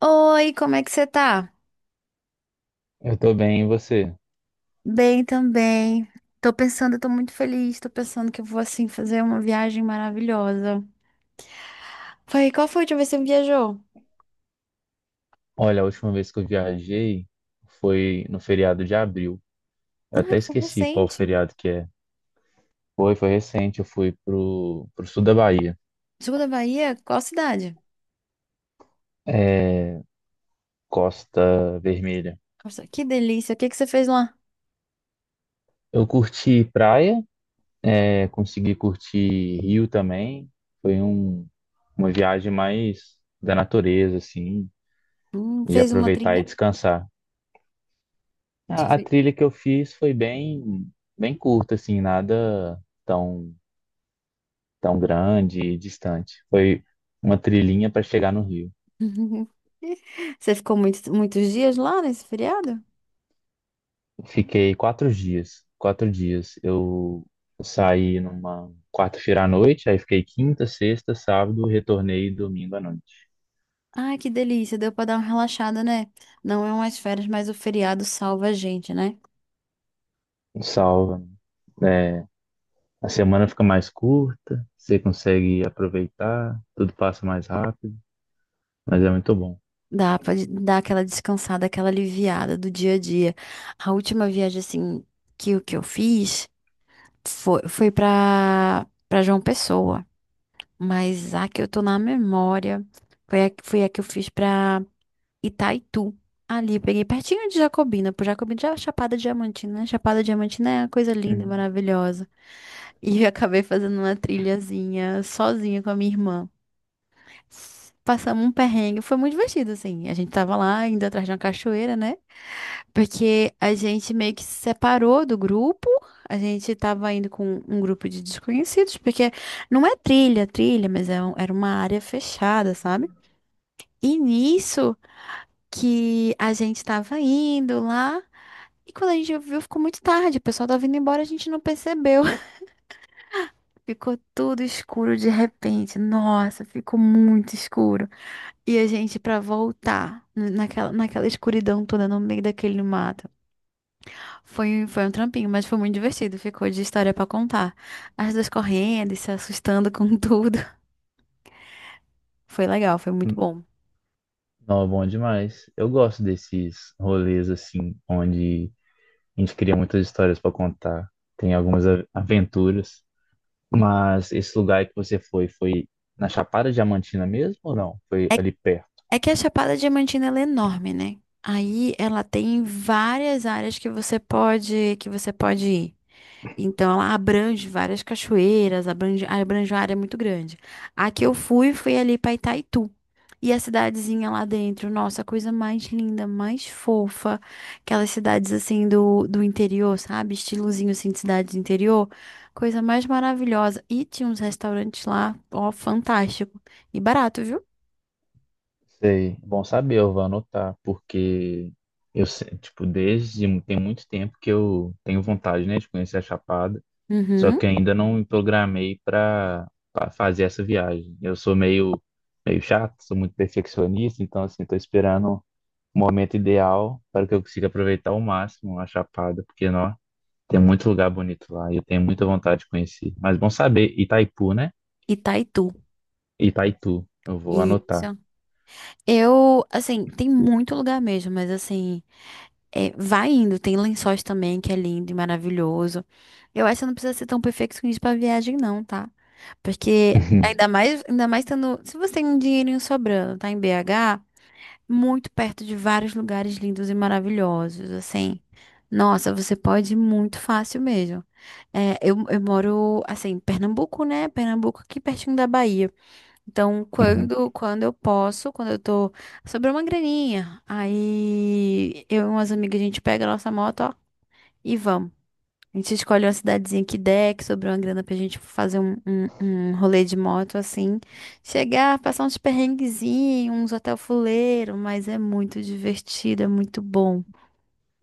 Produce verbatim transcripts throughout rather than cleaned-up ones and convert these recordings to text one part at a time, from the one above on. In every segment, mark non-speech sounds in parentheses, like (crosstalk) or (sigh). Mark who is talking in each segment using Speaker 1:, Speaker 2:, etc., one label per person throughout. Speaker 1: Oi, como é que você tá?
Speaker 2: Eu tô bem, e você?
Speaker 1: Bem também. Tô pensando, eu tô muito feliz, tô pensando que eu vou assim fazer uma viagem maravilhosa. Foi, qual foi a última vez que você viajou?
Speaker 2: Olha, a última vez que eu viajei foi no feriado de abril. Eu até
Speaker 1: Ai, foi
Speaker 2: esqueci qual
Speaker 1: recente.
Speaker 2: feriado que é. Foi, foi recente, eu fui pro, pro sul da Bahia,
Speaker 1: Sul da Bahia? Qual cidade?
Speaker 2: Costa Vermelha.
Speaker 1: Nossa, que delícia. O que que você fez lá?
Speaker 2: Eu curti praia, é, consegui curtir rio também. Foi um, uma viagem mais da natureza, assim,
Speaker 1: Hum,
Speaker 2: de
Speaker 1: fez uma
Speaker 2: aproveitar
Speaker 1: trilha?
Speaker 2: e descansar.
Speaker 1: Você
Speaker 2: A, a
Speaker 1: fez...
Speaker 2: trilha que eu fiz foi bem, bem curta, assim, nada tão tão grande e distante. Foi uma trilhinha para chegar no Rio.
Speaker 1: (laughs) Você ficou muito, muitos dias lá nesse feriado?
Speaker 2: Fiquei quatro dias. Quatro dias. Eu saí numa quarta-feira à noite, aí fiquei quinta, sexta, sábado, retornei domingo à noite.
Speaker 1: Ai, que delícia. Deu pra dar uma relaxada, né? Não é umas férias, mas o feriado salva a gente, né?
Speaker 2: Salva. É, a semana fica mais curta, você consegue aproveitar, tudo passa mais rápido, mas é muito bom.
Speaker 1: Dá pra de- dar aquela descansada, aquela aliviada do dia a dia. A última viagem, assim, que, o que eu fiz foi, foi pra, pra João Pessoa. Mas a que eu tô na memória foi a, foi a que eu fiz pra Itaitu. Ali, eu peguei pertinho de Jacobina, por Jacobina já é Chapada Diamantina, né? Chapada Diamantina é uma coisa linda,
Speaker 2: Uhum.
Speaker 1: maravilhosa. E eu acabei fazendo uma trilhazinha sozinha com a minha irmã. Passamos um perrengue, foi muito divertido, assim. A gente tava lá indo atrás de uma cachoeira, né? Porque a gente meio que se separou do grupo. A gente tava indo com um grupo de desconhecidos, porque não é trilha, trilha, mas é um- era uma área fechada, sabe? E nisso que a gente tava indo lá. E quando a gente viu, ficou muito tarde. O pessoal tava indo embora, a gente não percebeu. (laughs) Ficou tudo escuro de repente. Nossa, ficou muito escuro. E a gente, pra voltar n- naquela, naquela escuridão toda no meio daquele mato, foi, foi um trampinho, mas foi muito divertido. Ficou de história pra contar. As duas correndo e se assustando com (laughs) tudo. Foi legal, foi muito bom.
Speaker 2: Não, é bom demais. Eu gosto desses rolês assim, onde a gente cria muitas histórias para contar, tem algumas a- aventuras. Mas esse lugar que você foi, foi na Chapada Diamantina mesmo ou não? Foi
Speaker 1: É,
Speaker 2: ali perto?
Speaker 1: é que a Chapada Diamantina ela é enorme, né? Aí ela tem várias áreas que você pode, que você pode ir. Então, ela abrange várias cachoeiras, abrange, abrange uma área muito grande. A que eu fui foi ali para Itaitu. E a cidadezinha lá dentro, nossa, a coisa mais linda, mais fofa. Aquelas cidades assim do, do interior, sabe? Estilozinho assim de cidade do interior. Coisa mais maravilhosa. E tinha uns restaurantes lá, ó, fantástico. E barato, viu?
Speaker 2: Sei. Bom saber, eu vou anotar, porque eu, se- tipo, desde tem muito tempo que eu tenho vontade, né, de conhecer a Chapada, só
Speaker 1: Uhum.
Speaker 2: que ainda não me programei para fazer essa viagem. Eu sou meio, meio chato, sou muito perfeccionista, então, assim, tô esperando o momento ideal para que eu consiga aproveitar ao máximo a Chapada, porque, nossa. Tem muito lugar bonito lá e eu tenho muita vontade de conhecer. Mas bom saber, Itaipu, né?
Speaker 1: Itaitu.
Speaker 2: Itaitu, eu vou anotar.
Speaker 1: Isso. Eu, assim, tem muito lugar mesmo, mas assim. É, vai indo, tem Lençóis também, que é lindo e maravilhoso. Eu acho que você não precisa ser tão perfeccionista pra viagem, não, tá? Porque ainda
Speaker 2: (laughs)
Speaker 1: mais, ainda mais tendo. Se você tem um dinheirinho sobrando, tá em B H, muito perto de vários lugares lindos e maravilhosos, assim. Nossa, você pode ir muito fácil mesmo. É, eu, eu moro, assim, em Pernambuco, né? Pernambuco aqui pertinho da Bahia. Então,
Speaker 2: Uhum, uhum.
Speaker 1: quando, quando eu posso, quando eu tô. Sobrou uma graninha. Aí eu e umas amigas, a gente pega a nossa moto, ó, e vamos. A gente escolhe uma cidadezinha que der, que sobrou uma grana pra gente fazer um, um, um rolê de moto, assim. Chegar, passar uns perrenguezinhos, uns hotel fuleiro, mas é muito divertido, é muito bom.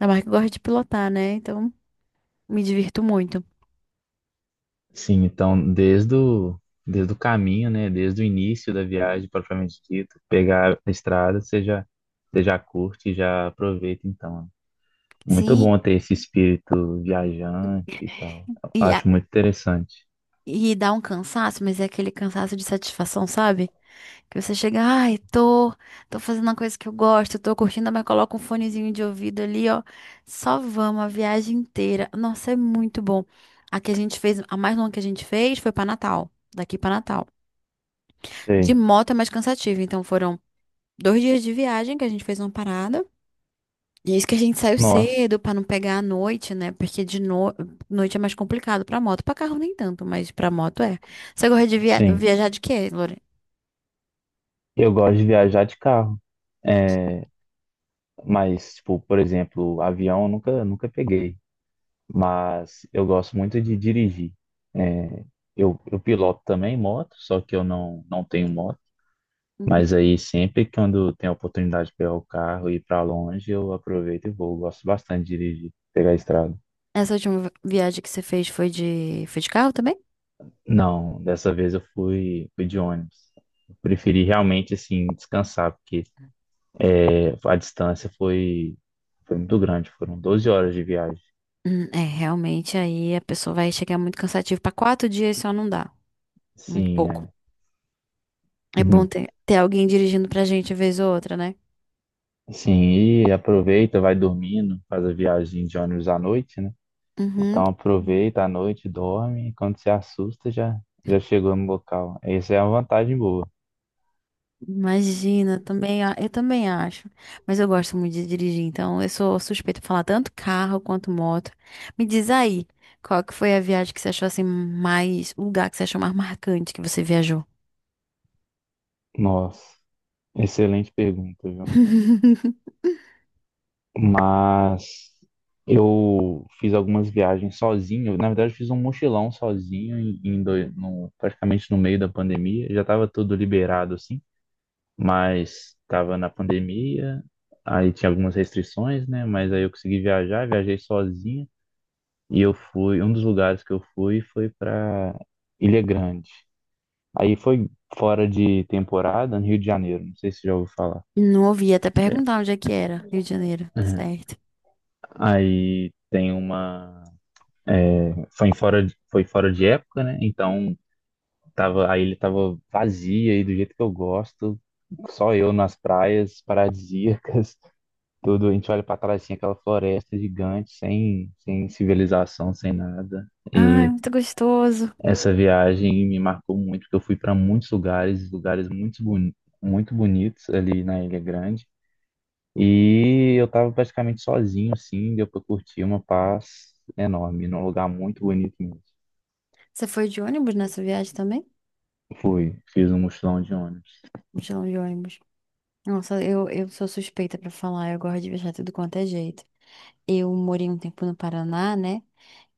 Speaker 1: Ainda mais que eu gosto de pilotar, né? Então, me divirto muito.
Speaker 2: Sim, então desde o, desde o caminho, né? Desde o início da viagem, propriamente dito, pegar a estrada, você já, você já curte, e já aproveita então. Muito bom
Speaker 1: Sim.
Speaker 2: ter esse espírito viajante e tal. Eu
Speaker 1: E
Speaker 2: acho muito interessante.
Speaker 1: E dá um cansaço, mas é aquele cansaço de satisfação, sabe? Que você chega, ai, tô, tô fazendo uma coisa que eu gosto, tô curtindo, mas coloca um fonezinho de ouvido ali, ó. Só vamos a viagem inteira. Nossa, é muito bom. A que a gente fez, a mais longa que a gente fez foi pra Natal, daqui pra Natal. De
Speaker 2: Sei.
Speaker 1: moto é mais cansativo, então foram dois dias de viagem que a gente fez uma parada. E isso que a gente saiu
Speaker 2: Nossa,
Speaker 1: cedo pra não pegar à noite, né? Porque de no... noite é mais complicado pra moto, Pra carro nem tanto, mas pra moto é. Você gosta de via...
Speaker 2: sim.
Speaker 1: viajar de quê, Lore?
Speaker 2: Eu gosto de viajar de carro. É, mas, tipo, por exemplo, avião eu nunca, nunca peguei, mas eu gosto muito de dirigir. É, eu, eu piloto também moto, só que eu não, não tenho moto.
Speaker 1: Uhum.
Speaker 2: Mas aí sempre que quando tem a oportunidade de pegar o carro e ir para longe, eu aproveito e vou. Eu gosto bastante de dirigir, pegar a estrada.
Speaker 1: Essa última vi- viagem que você fez foi de foi de carro também?
Speaker 2: Não, dessa vez eu fui, fui de ônibus. Eu preferi realmente assim descansar, porque é, a distância foi, foi muito grande, foram doze horas de viagem.
Speaker 1: Hum, é, realmente aí a pessoa vai chegar muito cansativa Pra quatro dias só não dá, muito
Speaker 2: Sim,
Speaker 1: pouco.
Speaker 2: é.
Speaker 1: É bom
Speaker 2: (laughs)
Speaker 1: ter, ter alguém dirigindo pra gente vez ou outra, né?
Speaker 2: Sim, e aproveita, vai dormindo, faz a viagem de ônibus à noite, né?
Speaker 1: Uhum.
Speaker 2: Então aproveita à noite, dorme, e quando se assusta já, já chegou no local. Essa é uma vantagem boa.
Speaker 1: Imagina, também, a- eu também acho. Mas eu gosto muito de dirigir, então eu sou suspeita pra falar tanto carro quanto moto. Me diz aí, qual que foi a viagem que você achou assim mais, o lugar que você achou mais marcante que você viajou?
Speaker 2: Nossa, excelente pergunta, viu?
Speaker 1: (laughs)
Speaker 2: Mas eu fiz algumas viagens sozinho, na verdade eu fiz um mochilão sozinho em, em doi- no- praticamente no meio da pandemia, já estava tudo liberado assim. Mas estava na pandemia, aí tinha algumas restrições, né? Mas aí eu consegui viajar, viajei sozinho e eu fui, um dos lugares que eu fui foi para Ilha Grande. Aí foi fora de temporada, no Rio de Janeiro, não sei se já ouviu falar.
Speaker 1: Não ouvi até
Speaker 2: É.
Speaker 1: perguntar onde é que era, Rio de Janeiro, tá
Speaker 2: Uhum.
Speaker 1: certo.
Speaker 2: Aí tem uma, foi em fora de, foi fora de época, né? Então tava, a ilha tava vazia e do jeito que eu gosto, só eu nas praias paradisíacas. Tudo, a gente olha para trás assim, aquela floresta gigante, sem, sem civilização, sem nada.
Speaker 1: Ai,
Speaker 2: E
Speaker 1: muito gostoso.
Speaker 2: essa viagem me marcou muito, porque eu fui para muitos lugares, lugares muito, boni muito bonitos ali na Ilha Grande. E eu estava praticamente sozinho, assim, deu para curtir uma paz enorme, num lugar muito bonito mesmo.
Speaker 1: Você foi de ônibus nessa viagem também?
Speaker 2: Fui, fiz um mochilão de ônibus.
Speaker 1: Mochilão de ônibus. Nossa, eu, eu sou suspeita pra falar, eu gosto de viajar tudo quanto é jeito. Eu morei um tempo no Paraná, né?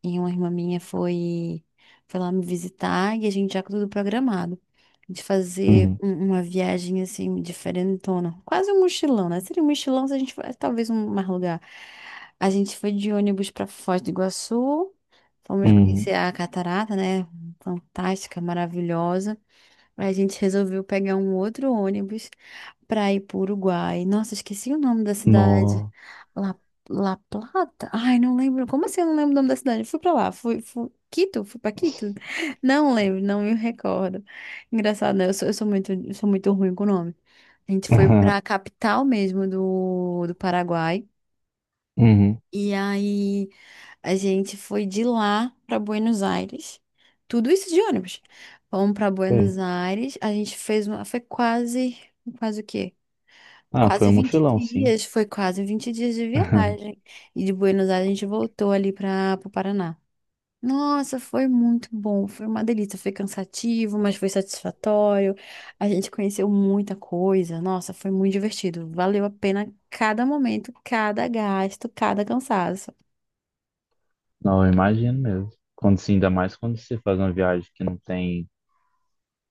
Speaker 1: E uma irmã minha foi, foi lá me visitar e a gente já com tudo programado. De fazer
Speaker 2: Uhum,
Speaker 1: um- uma viagem assim, diferentona. Quase um mochilão, né? Seria um mochilão se a gente fosse, talvez um mais lugar. A gente foi de ônibus pra Foz do Iguaçu. Fomos
Speaker 2: uhum.
Speaker 1: conhecer a catarata, né? Fantástica, maravilhosa. A gente resolveu pegar um outro ônibus para ir para o Uruguai. Nossa, esqueci o nome da cidade.
Speaker 2: Nossa.
Speaker 1: La, La Plata? Ai, não lembro. Como assim eu não lembro o nome da cidade? Eu fui para lá. Fui, fui... Quito? Fui para Quito? Não lembro, não me recordo. Engraçado, né? Eu sou, eu sou muito, eu sou muito ruim com o nome. A gente foi para a
Speaker 2: (laughs)
Speaker 1: capital mesmo do, do Paraguai.
Speaker 2: Uhum,
Speaker 1: E aí a gente foi de lá para Buenos Aires. Tudo isso de ônibus. Vamos para
Speaker 2: sei.
Speaker 1: Buenos Aires. A gente fez uma. Foi quase. Quase o quê?
Speaker 2: Ah, foi
Speaker 1: Quase
Speaker 2: um
Speaker 1: vinte
Speaker 2: mochilão, sim.
Speaker 1: dias. Foi quase vinte dias de
Speaker 2: (laughs)
Speaker 1: viagem. E de Buenos Aires a gente voltou ali para o Paraná. Nossa, foi muito bom. Foi uma delícia. Foi cansativo, mas foi satisfatório. A gente conheceu muita coisa. Nossa, foi muito divertido. Valeu a pena cada momento, cada gasto, cada cansaço.
Speaker 2: Não, eu imagino mesmo. Quando, sim, ainda mais quando você faz uma viagem que não tem,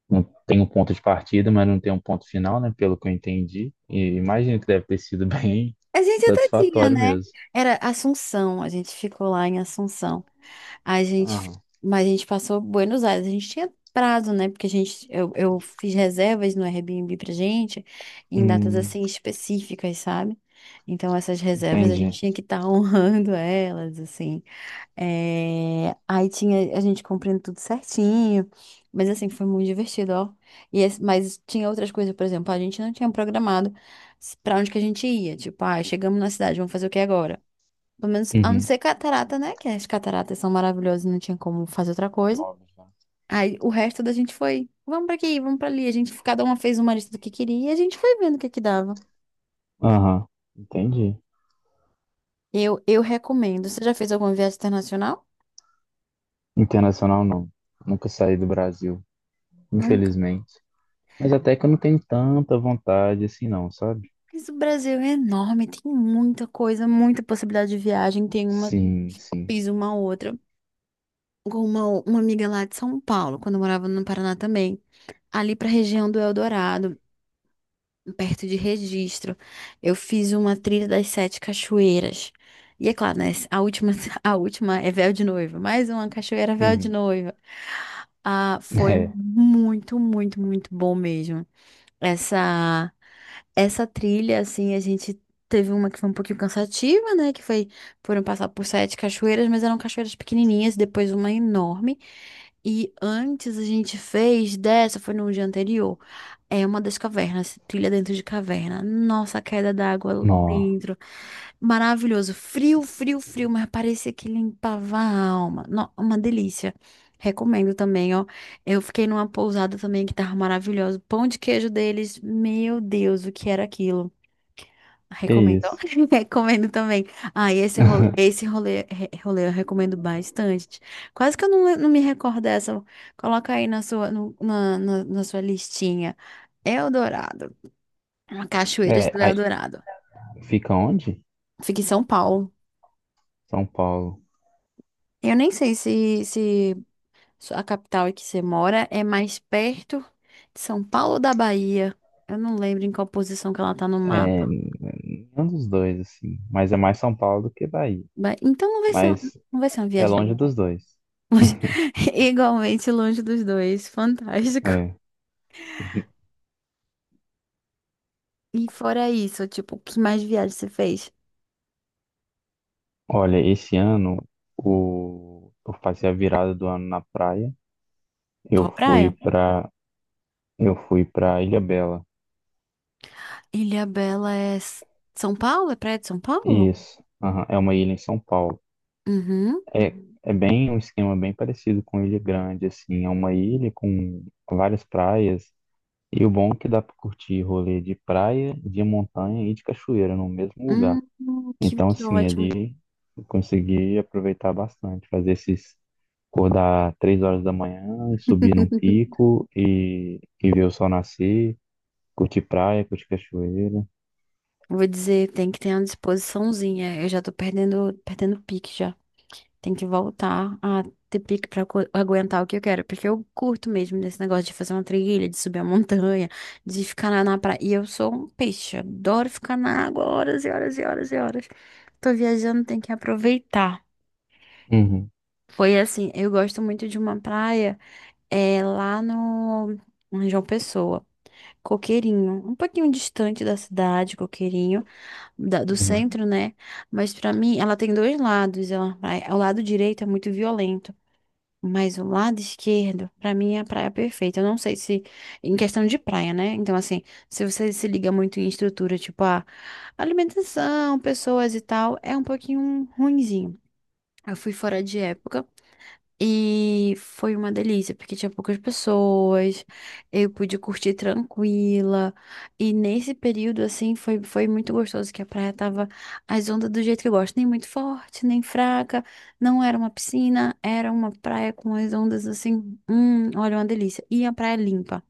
Speaker 2: não tem um ponto de partida, mas não tem um ponto final, né? Pelo que eu entendi. E imagino que deve ter sido (laughs) bem
Speaker 1: A gente até tinha,
Speaker 2: satisfatório
Speaker 1: né?
Speaker 2: mesmo.
Speaker 1: Era Assunção, a gente ficou lá em Assunção. A gente, fi-
Speaker 2: Aham.
Speaker 1: mas a gente passou Buenos Aires, a gente tinha prazo, né? Porque a gente, eu, eu fiz reservas no Airbnb pra gente em datas
Speaker 2: Hum,
Speaker 1: assim específicas, sabe? Então essas reservas a gente
Speaker 2: entendi.
Speaker 1: tinha que estar (laughs) honrando elas, assim. É, aí tinha a gente cumprindo tudo certinho, mas assim, foi muito divertido, ó. E esse- mas tinha outras coisas, por exemplo, a gente não tinha programado s- pra onde que a gente ia. Tipo, ah, chegamos na cidade, vamos fazer o que agora? Pelo menos, a não
Speaker 2: Uhum.
Speaker 1: ser catarata, né? Que as cataratas são maravilhosas, e não tinha como fazer outra coisa.
Speaker 2: Óbvio, né?
Speaker 1: Aí o resto da gente foi, vamos pra aqui, vamos pra ali. A gente, cada uma fez uma lista do que queria e a gente foi vendo o que que dava.
Speaker 2: Aham. Entendi.
Speaker 1: Eu, eu recomendo. Você já fez alguma viagem internacional?
Speaker 2: Internacional não. Nunca saí do Brasil,
Speaker 1: Nunca.
Speaker 2: infelizmente. Mas até que eu não tenho tanta vontade assim não, sabe?
Speaker 1: Mas o Brasil é enorme, tem muita coisa, muita possibilidade de viagem. Tem uma,
Speaker 2: Sim, sim.
Speaker 1: fiz uma outra com uma, uma amiga lá de São Paulo, quando eu morava no Paraná também. Ali para a região do Eldorado, perto de Registro, eu fiz uma trilha das Sete Cachoeiras. E é claro, né? A última, (laughs) a última é véu de noiva, mais uma cachoeira véu de
Speaker 2: Uhum.
Speaker 1: noiva. Ah,
Speaker 2: (laughs)
Speaker 1: foi
Speaker 2: É.
Speaker 1: muito, muito, muito bom mesmo essa essa trilha, assim, a gente teve uma que foi um pouquinho cansativa, né? Que foi, foram passar por sete cachoeiras, mas eram cachoeiras pequenininhas, depois uma enorme. E antes a gente fez dessa, foi no dia anterior. É uma das cavernas, trilha dentro de caverna. Nossa, a queda d'água
Speaker 2: Nó.
Speaker 1: dentro. Maravilhoso. Frio, frio, frio, mas parecia que limpava a alma. No- uma delícia. Recomendo também, ó. Eu fiquei numa pousada também que tava maravilhosa. Pão de queijo deles, meu Deus, o que era aquilo?
Speaker 2: Que
Speaker 1: Recomendo.
Speaker 2: isso.
Speaker 1: (laughs) Recomendo também. Ah, e esse rolê,
Speaker 2: (laughs)
Speaker 1: esse rolê, re- rolê eu recomendo bastante. Quase que eu não, não me recordo dessa. Coloca aí na sua, no- na, na, na sua listinha. Eldorado. Cachoeiras
Speaker 2: É,
Speaker 1: do
Speaker 2: aí-
Speaker 1: Eldorado.
Speaker 2: Fica onde?
Speaker 1: Fica em São Paulo.
Speaker 2: São Paulo.
Speaker 1: Eu nem sei se, se A capital em que você mora é mais perto de São Paulo ou da Bahia? Eu não lembro em qual posição que ela tá no
Speaker 2: É,
Speaker 1: mapa.
Speaker 2: nenhum dos dois, assim. Mas é mais São Paulo do que Bahia.
Speaker 1: Ba- Então não vai ser, um,
Speaker 2: Mas
Speaker 1: não vai ser uma
Speaker 2: é
Speaker 1: viagem
Speaker 2: longe
Speaker 1: demorada.
Speaker 2: dos dois.
Speaker 1: Longe- (laughs) Igualmente longe dos dois. Fantástico.
Speaker 2: É.
Speaker 1: E fora isso, tipo, que mais viagem você fez?
Speaker 2: Olha, esse ano o... eu passei a virada do ano na praia. Eu
Speaker 1: Qual
Speaker 2: fui
Speaker 1: praia?
Speaker 2: pra, eu fui pra Ilha Bela.
Speaker 1: Ilhabela é S- São Paulo? É praia de São Paulo?
Speaker 2: Isso. Aham, é uma ilha em São Paulo.
Speaker 1: Uhum.
Speaker 2: É, é bem um esquema bem parecido com Ilha Grande, assim. É uma ilha com várias praias. E o bom é que dá pra curtir rolê de praia, de montanha e de cachoeira no mesmo
Speaker 1: Hum,
Speaker 2: lugar.
Speaker 1: que,
Speaker 2: Então,
Speaker 1: que
Speaker 2: assim,
Speaker 1: ótimo.
Speaker 2: ali eu consegui aproveitar bastante, fazer esses acordar três horas da manhã, subir num pico e, e ver o sol nascer, curtir praia, curtir cachoeira.
Speaker 1: Vou dizer, tem que ter uma disposiçãozinha. Eu já tô perdendo, perdendo pique já. Tem que voltar a ter pique pra co- aguentar o que eu quero. Porque eu curto mesmo desse negócio de fazer uma trilha, de subir a montanha, de ficar na, na praia. E eu sou um peixe, adoro ficar na água horas e horas e horas e horas. Tô viajando, tem que aproveitar.
Speaker 2: Uhum,
Speaker 1: Foi assim, eu gosto muito de uma praia é, lá no em João Pessoa. Coqueirinho, um pouquinho distante da cidade, Coqueirinho, da- do
Speaker 2: uhum.
Speaker 1: centro, né? Mas pra mim, ela tem dois lados. Ela, é- o lado direito é muito violento. Mas o lado esquerdo, pra mim, é a praia perfeita. Eu não sei se, em questão de praia, né? Então, assim, se você se liga muito em estrutura, tipo, a alimentação, pessoas e tal, é um pouquinho ruinzinho. Eu fui fora de época. E foi uma delícia, porque tinha poucas pessoas, eu pude curtir tranquila. E nesse período, assim, foi, foi muito gostoso, que a praia tava as ondas do jeito que eu gosto, nem muito forte, nem fraca. Não era uma piscina, era uma praia com as ondas assim. Hum, olha, uma delícia. E a praia limpa.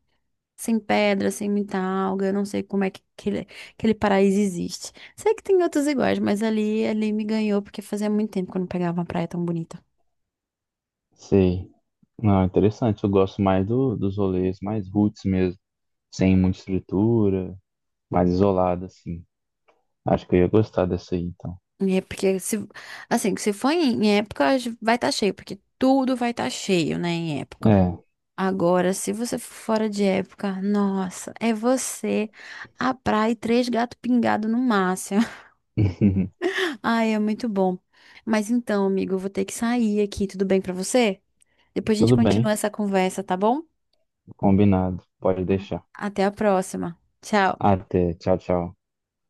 Speaker 1: Sem pedra, sem muita alga, eu não sei como é que aquele, aquele, paraíso existe. Sei que tem outros iguais, mas ali, ali me ganhou, porque fazia muito tempo que eu não pegava uma praia tão bonita.
Speaker 2: Sei. Não, interessante. Eu gosto mais do, dos rolês mais roots mesmo, sem muita estrutura, mais isolado, assim. Acho que eu ia gostar dessa aí, então.
Speaker 1: É porque se, assim, se for em época, vai estar cheio, porque tudo vai estar cheio, né, em época.
Speaker 2: É.
Speaker 1: Agora, se você for fora de época, nossa, é você, a praia e três gatos pingados no máximo.
Speaker 2: (laughs)
Speaker 1: (laughs) Ai, é muito bom. Mas então, amigo, eu vou ter que sair aqui, tudo bem pra você? Depois a gente
Speaker 2: Tudo
Speaker 1: continua
Speaker 2: bem,
Speaker 1: essa conversa, tá bom?
Speaker 2: combinado. Pode
Speaker 1: Ah.
Speaker 2: deixar.
Speaker 1: Até a próxima. Tchau.
Speaker 2: Até. Tchau, tchau.